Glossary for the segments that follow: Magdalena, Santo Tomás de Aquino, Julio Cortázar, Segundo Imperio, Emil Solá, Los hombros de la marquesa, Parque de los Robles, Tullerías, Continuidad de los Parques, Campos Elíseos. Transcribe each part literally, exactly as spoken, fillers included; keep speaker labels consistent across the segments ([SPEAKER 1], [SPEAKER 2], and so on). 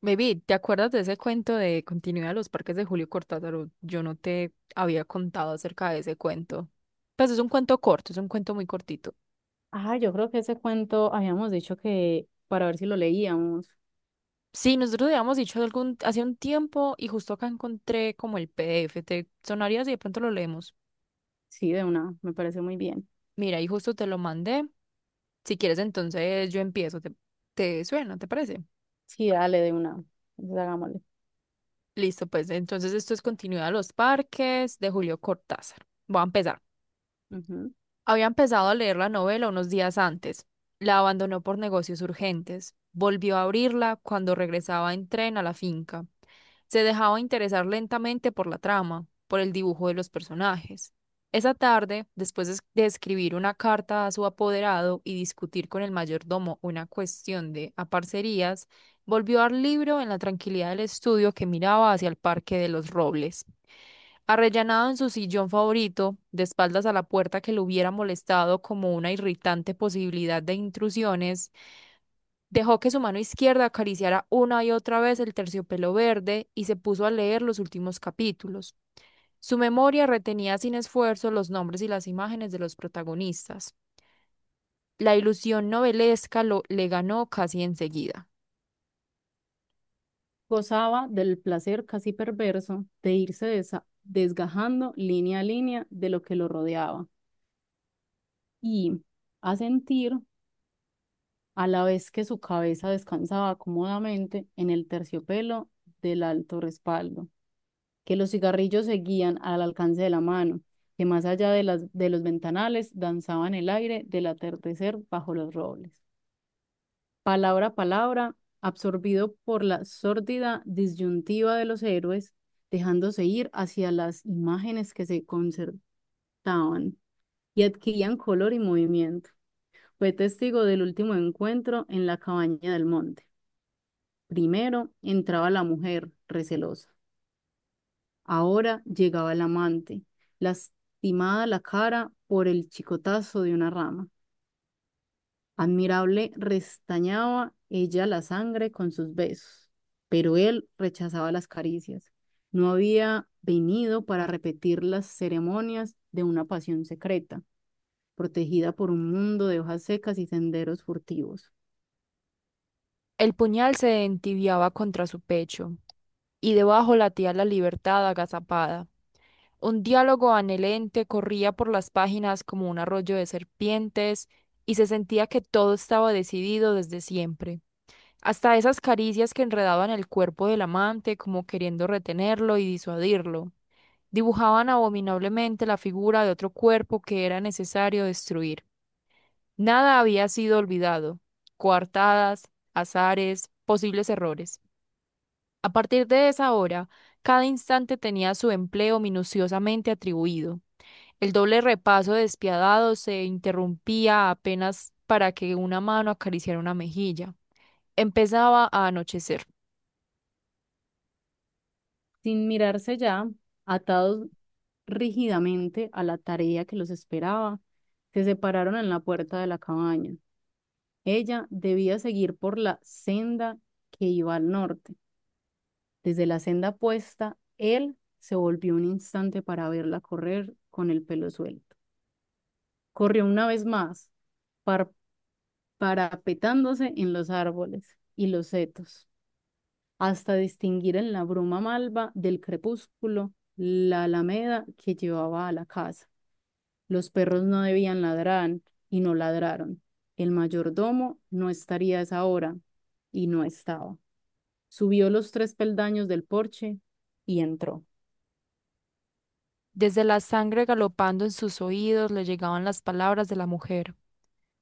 [SPEAKER 1] Baby, ¿te acuerdas de ese cuento de Continuidad de los Parques de Julio Cortázar? Yo no te había contado acerca de ese cuento. Pues es un cuento corto, es un cuento muy cortito.
[SPEAKER 2] Ah, yo creo que ese cuento habíamos dicho que para ver si lo leíamos.
[SPEAKER 1] Sí, nosotros habíamos dicho algún, hace un tiempo y justo acá encontré como el P D F. ¿Te sonaría si de pronto lo leemos?
[SPEAKER 2] Sí, de una, me parece muy bien.
[SPEAKER 1] Mira, y justo te lo mandé. Si quieres, entonces yo empiezo. ¿Te, te suena? ¿Te parece?
[SPEAKER 2] Sí, dale, de una. Entonces, hagámosle.
[SPEAKER 1] Listo, pues entonces esto es Continuidad de los Parques de Julio Cortázar. Voy a empezar.
[SPEAKER 2] Ujú.
[SPEAKER 1] Había empezado a leer la novela unos días antes. La abandonó por negocios urgentes. Volvió a abrirla cuando regresaba en tren a la finca. Se dejaba interesar lentamente por la trama, por el dibujo de los personajes. Esa tarde, después de es- de escribir una carta a su apoderado y discutir con el mayordomo una cuestión de aparcerías, volvió al libro en la tranquilidad del estudio que miraba hacia el Parque de los Robles. Arrellanado en su sillón favorito, de espaldas a la puerta que lo hubiera molestado como una irritante posibilidad de intrusiones, dejó que su mano izquierda acariciara una y otra vez el terciopelo verde y se puso a leer los últimos capítulos. Su memoria retenía sin esfuerzo los nombres y las imágenes de los protagonistas. La ilusión novelesca lo, le ganó casi enseguida.
[SPEAKER 2] Gozaba del placer casi perverso de irse desa- desgajando línea a línea de lo que lo rodeaba y a sentir a la vez que su cabeza descansaba cómodamente en el terciopelo del alto respaldo, que los cigarrillos seguían al alcance de la mano, que más allá de las, de los ventanales danzaban el aire del atardecer bajo los robles. Palabra a palabra, absorbido por la sórdida disyuntiva de los héroes, dejándose ir hacia las imágenes que se concertaban y adquirían color y movimiento. Fue testigo del último encuentro en la cabaña del monte. Primero entraba la mujer, recelosa. Ahora llegaba el amante, lastimada la cara por el chicotazo de una rama. Admirable restañaba ella la sangre con sus besos, pero él rechazaba las caricias. No había venido para repetir las ceremonias de una pasión secreta, protegida por un mundo de hojas secas y senderos furtivos.
[SPEAKER 1] El puñal se entibiaba contra su pecho, y debajo latía la libertad agazapada. Un diálogo anhelante corría por las páginas como un arroyo de serpientes, y se sentía que todo estaba decidido desde siempre. Hasta esas caricias que enredaban el cuerpo del amante como queriendo retenerlo y disuadirlo, dibujaban abominablemente la figura de otro cuerpo que era necesario destruir. Nada había sido olvidado, coartadas, azares, posibles errores. A partir de esa hora, cada instante tenía su empleo minuciosamente atribuido. El doble repaso despiadado se interrumpía apenas para que una mano acariciara una mejilla. Empezaba a anochecer.
[SPEAKER 2] Sin mirarse ya, atados rígidamente a la tarea que los esperaba, se separaron en la puerta de la cabaña. Ella debía seguir por la senda que iba al norte. Desde la senda opuesta, él se volvió un instante para verla correr con el pelo suelto. Corrió una vez más, par- parapetándose en los árboles y los setos, hasta distinguir en la bruma malva del crepúsculo la alameda que llevaba a la casa. Los perros no debían ladrar y no ladraron. El mayordomo no estaría a esa hora y no estaba. Subió los tres peldaños del porche y entró.
[SPEAKER 1] Desde la sangre galopando en sus oídos le llegaban las palabras de la mujer.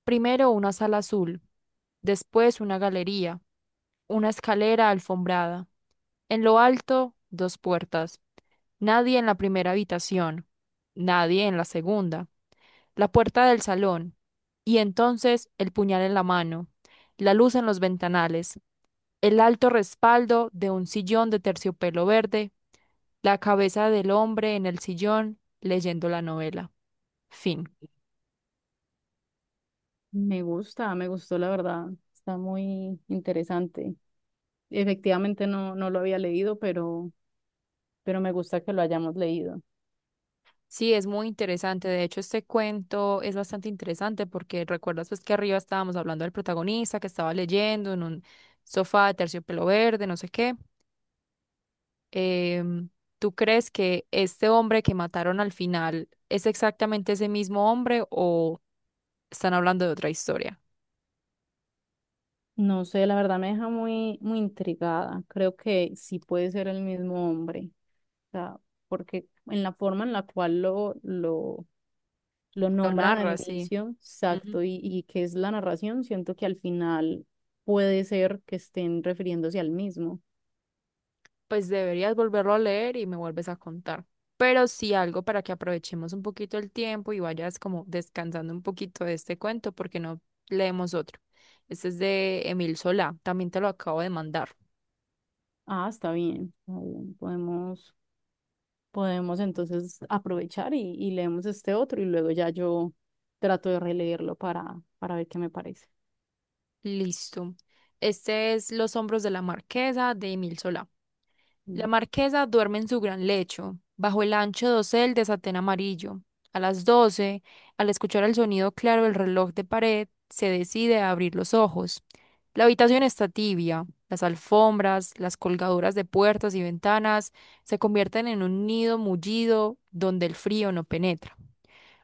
[SPEAKER 1] Primero una sala azul, después una galería, una escalera alfombrada. En lo alto, dos puertas. Nadie en la primera habitación, nadie en la segunda la puerta del salón, y entonces el puñal en la mano, la luz en los ventanales, el alto respaldo de un sillón de terciopelo verde, la cabeza del hombre en el sillón leyendo la novela. Fin.
[SPEAKER 2] Me gusta, me gustó la verdad. Está muy interesante. Efectivamente no, no lo había leído, pero, pero me gusta que lo hayamos leído.
[SPEAKER 1] Sí, es muy interesante. De hecho, este cuento es bastante interesante porque recuerdas pues que arriba estábamos hablando del protagonista que estaba leyendo en un sofá de terciopelo verde, no sé qué. em, ¿tú crees que este hombre que mataron al final es exactamente ese mismo hombre o están hablando de otra historia?
[SPEAKER 2] No sé, la verdad me deja muy, muy intrigada. Creo que sí puede ser el mismo hombre. O sea, porque en la forma en la cual lo, lo, lo
[SPEAKER 1] Lo
[SPEAKER 2] nombran al
[SPEAKER 1] narra, sí.
[SPEAKER 2] inicio,
[SPEAKER 1] Ujú.
[SPEAKER 2] exacto, y, y que es la narración, siento que al final puede ser que estén refiriéndose al mismo.
[SPEAKER 1] Pues deberías volverlo a leer y me vuelves a contar. Pero sí algo para que aprovechemos un poquito el tiempo y vayas como descansando un poquito de este cuento porque no leemos otro. Este es de Emil Solá, también te lo acabo de mandar.
[SPEAKER 2] Ah, está bien, está bien. Podemos, podemos entonces aprovechar y, y leemos este otro y luego ya yo trato de releerlo para, para ver qué me parece.
[SPEAKER 1] Listo. Este es Los hombros de la marquesa de Emil Solá. La
[SPEAKER 2] Li-
[SPEAKER 1] marquesa duerme en su gran lecho, bajo el ancho dosel de satén amarillo. A las doce, al escuchar el sonido claro del reloj de pared, se decide a abrir los ojos. La habitación está tibia. Las alfombras, las colgaduras de puertas y ventanas se convierten en un nido mullido donde el frío no penetra.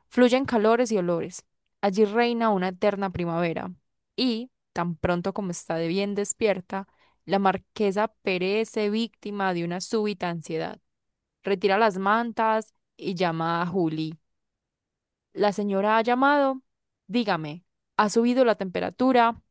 [SPEAKER 1] Fluyen calores y olores. Allí reina una eterna primavera. Y, tan pronto como está de bien despierta, la marquesa perece víctima de una súbita ansiedad. Retira las mantas y llama a Juli. La señora ha llamado. Dígame, ¿ha subido la temperatura?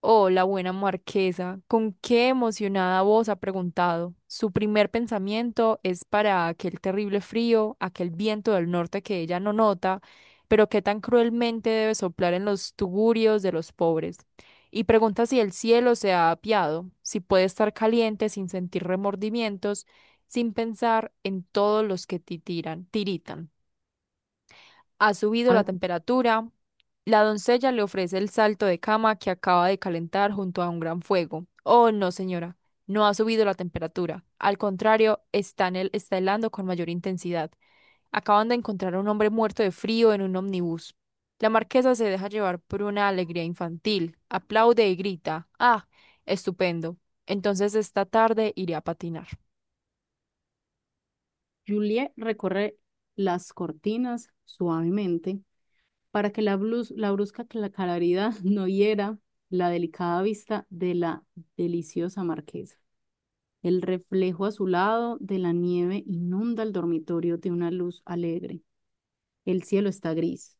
[SPEAKER 1] Oh, la buena marquesa, con qué emocionada voz ha preguntado. Su primer pensamiento es para aquel terrible frío, aquel viento del norte que ella no nota, pero que tan cruelmente debe soplar en los tugurios de los pobres. Y pregunta si el cielo se ha apiado, si puede estar caliente sin sentir remordimientos, sin pensar en todos los que titiran, tiritan. Ha subido la
[SPEAKER 2] A-
[SPEAKER 1] temperatura. La doncella le ofrece el salto de cama que acaba de calentar junto a un gran fuego. Oh, no, señora, no ha subido la temperatura. Al contrario, está, en el, está helando con mayor intensidad. Acaban de encontrar a un hombre muerto de frío en un ómnibus. La marquesa se deja llevar por una alegría infantil. Aplaude y grita. Ah, estupendo. Entonces esta tarde iré a patinar.
[SPEAKER 2] Juliet recorre las cortinas suavemente para que la, blus- la brusca cla- claridad no hiera la delicada vista de la deliciosa marquesa. El reflejo azulado de la nieve inunda el dormitorio de una luz alegre. El cielo está gris,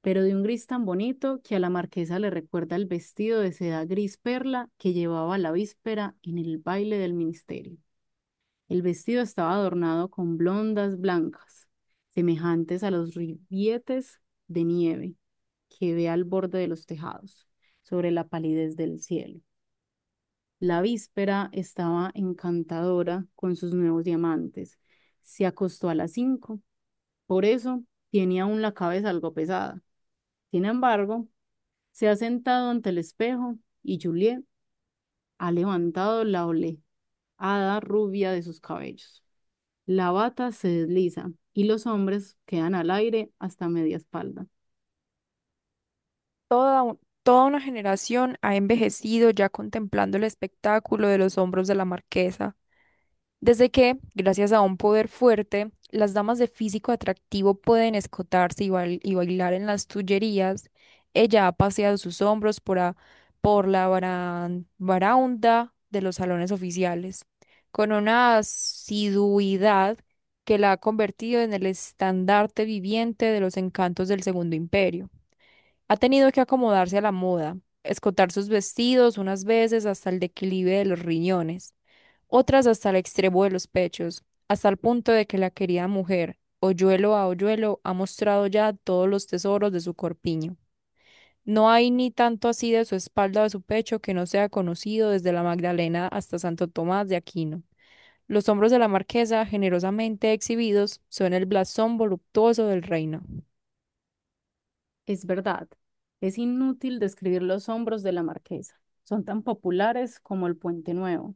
[SPEAKER 2] pero de un gris tan bonito que a la marquesa le recuerda el vestido de seda gris perla que llevaba la víspera en el baile del ministerio. El vestido estaba adornado con blondas blancas, semejantes a los ribetes de nieve que ve al borde de los tejados, sobre la palidez del cielo. La víspera estaba encantadora con sus nuevos diamantes. Se acostó a las cinco, por eso tenía aún la cabeza algo pesada. Sin embargo, se ha sentado ante el espejo y Juliet ha levantado la oleada rubia de sus cabellos. La bata se desliza y los hombres quedan al aire hasta media espalda.
[SPEAKER 1] Toda, un- Toda una generación ha envejecido ya contemplando el espectáculo de los hombros de la marquesa. Desde que, gracias a un poder fuerte, las damas de físico atractivo pueden escotarse y, bail- y bailar en las tullerías, ella ha paseado sus hombros por, a- por la baran- baraunda de los salones oficiales, con una asiduidad que la ha convertido en el estandarte viviente de los encantos del Segundo Imperio. Ha tenido que acomodarse a la moda, escotar sus vestidos unas veces hasta el declive de los riñones, otras hasta el extremo de los pechos, hasta el punto de que la querida mujer, hoyuelo a hoyuelo, ha mostrado ya todos los tesoros de su corpiño. No hay ni tanto así de su espalda o de su pecho que no sea conocido desde la Magdalena hasta Santo Tomás de Aquino. Los hombros de la marquesa, generosamente exhibidos, son el blasón voluptuoso del reino.
[SPEAKER 2] Es verdad, es inútil describir los hombros de la marquesa. Son tan populares como el puente nuevo.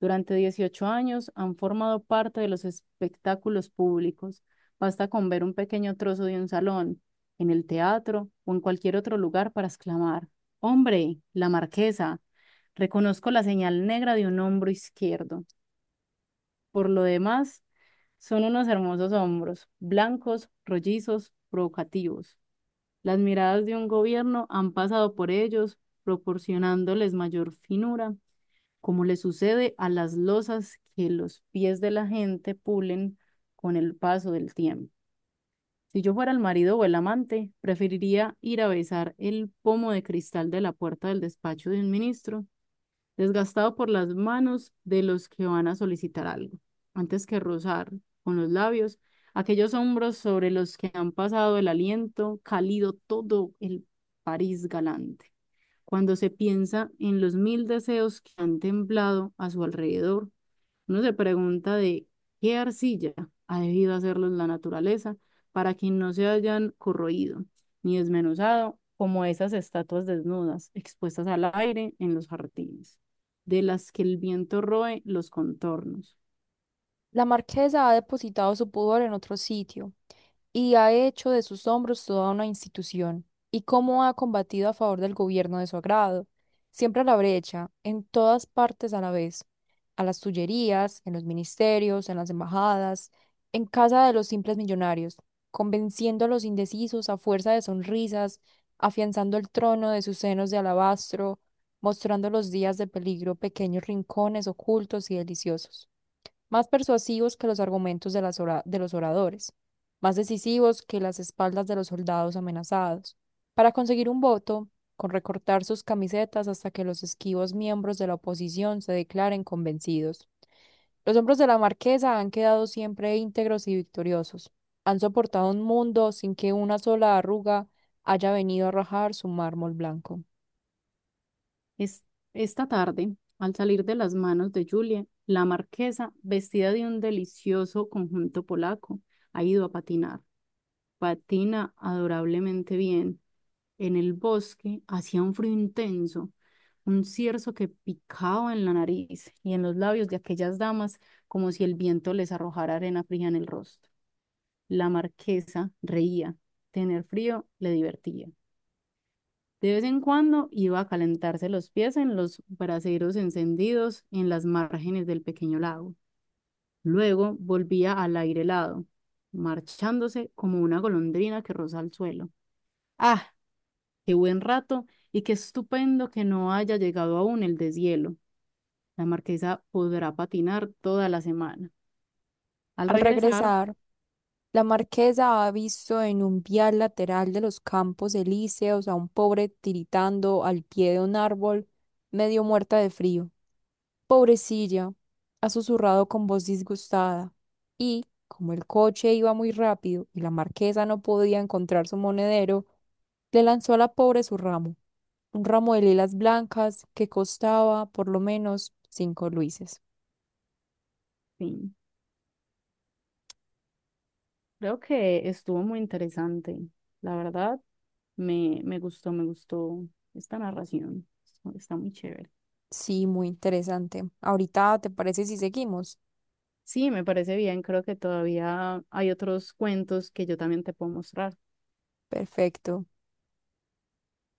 [SPEAKER 2] Durante dieciocho años han formado parte de los espectáculos públicos. Basta con ver un pequeño trozo de un salón, en el teatro o en cualquier otro lugar para exclamar: «Hombre, la marquesa, reconozco la señal negra de un hombro izquierdo». Por lo demás, son unos hermosos hombros, blancos, rollizos, provocativos. Las miradas de un gobierno han pasado por ellos, proporcionándoles mayor finura, como le sucede a las losas que los pies de la gente pulen con el paso del tiempo. Si yo fuera el marido o el amante, preferiría ir a besar el pomo de cristal de la puerta del despacho de un ministro, desgastado por las manos de los que van a solicitar algo, antes que rozar con los labios aquellos hombros sobre los que han pasado el aliento cálido todo el París galante. Cuando se piensa en los mil deseos que han temblado a su alrededor, uno se pregunta de qué arcilla ha debido hacerlos la naturaleza para que no se hayan corroído ni desmenuzado como esas estatuas desnudas expuestas al aire en los jardines, de las que el viento roe los contornos.
[SPEAKER 1] La marquesa ha depositado su pudor en otro sitio y ha hecho de sus hombros toda una institución, y cómo ha combatido a favor del gobierno de su agrado, siempre a la brecha, en todas partes a la vez, a las tullerías, en los ministerios, en las embajadas, en casa de los simples millonarios, convenciendo a los indecisos a fuerza de sonrisas, afianzando el trono de sus senos de alabastro, mostrando los días de peligro pequeños rincones ocultos y deliciosos más persuasivos que los argumentos de las ora- de los oradores, más decisivos que las espaldas de los soldados amenazados. Para conseguir un voto, con recortar sus camisetas hasta que los esquivos miembros de la oposición se declaren convencidos. Los hombros de la marquesa han quedado siempre íntegros y victoriosos. Han soportado un mundo sin que una sola arruga haya venido a rajar su mármol blanco.
[SPEAKER 2] Es, esta tarde, al salir de las manos de Julia, la marquesa, vestida de un delicioso conjunto polaco, ha ido a patinar. Patina adorablemente bien. En el bosque hacía un frío intenso, un cierzo que picaba en la nariz y en los labios de aquellas damas como si el viento les arrojara arena fría en el rostro. La marquesa reía. Tener frío le divertía. De vez en cuando iba a calentarse los pies en los braseros encendidos en las márgenes del pequeño lago. Luego volvía al aire helado, marchándose como una golondrina que roza el suelo. Ah, qué buen rato y qué estupendo que no haya llegado aún el deshielo. La marquesa podrá patinar toda la semana. Al
[SPEAKER 1] Al
[SPEAKER 2] regresar,
[SPEAKER 1] regresar, la marquesa ha visto en un vial lateral de los Campos Elíseos a un pobre tiritando al pie de un árbol, medio muerta de frío. Pobrecilla, ha susurrado con voz disgustada. Y, como el coche iba muy rápido y la marquesa no podía encontrar su monedero, le lanzó a la pobre su ramo, un ramo de lilas blancas que costaba por lo menos cinco luises.
[SPEAKER 2] fin. Creo que estuvo muy interesante. La verdad, me, me gustó, me gustó esta narración. Está muy chévere.
[SPEAKER 1] Sí, muy interesante. Ahorita, ¿te parece si seguimos?
[SPEAKER 2] Sí, me parece bien. Creo que todavía hay otros cuentos que yo también te puedo mostrar.
[SPEAKER 1] Perfecto.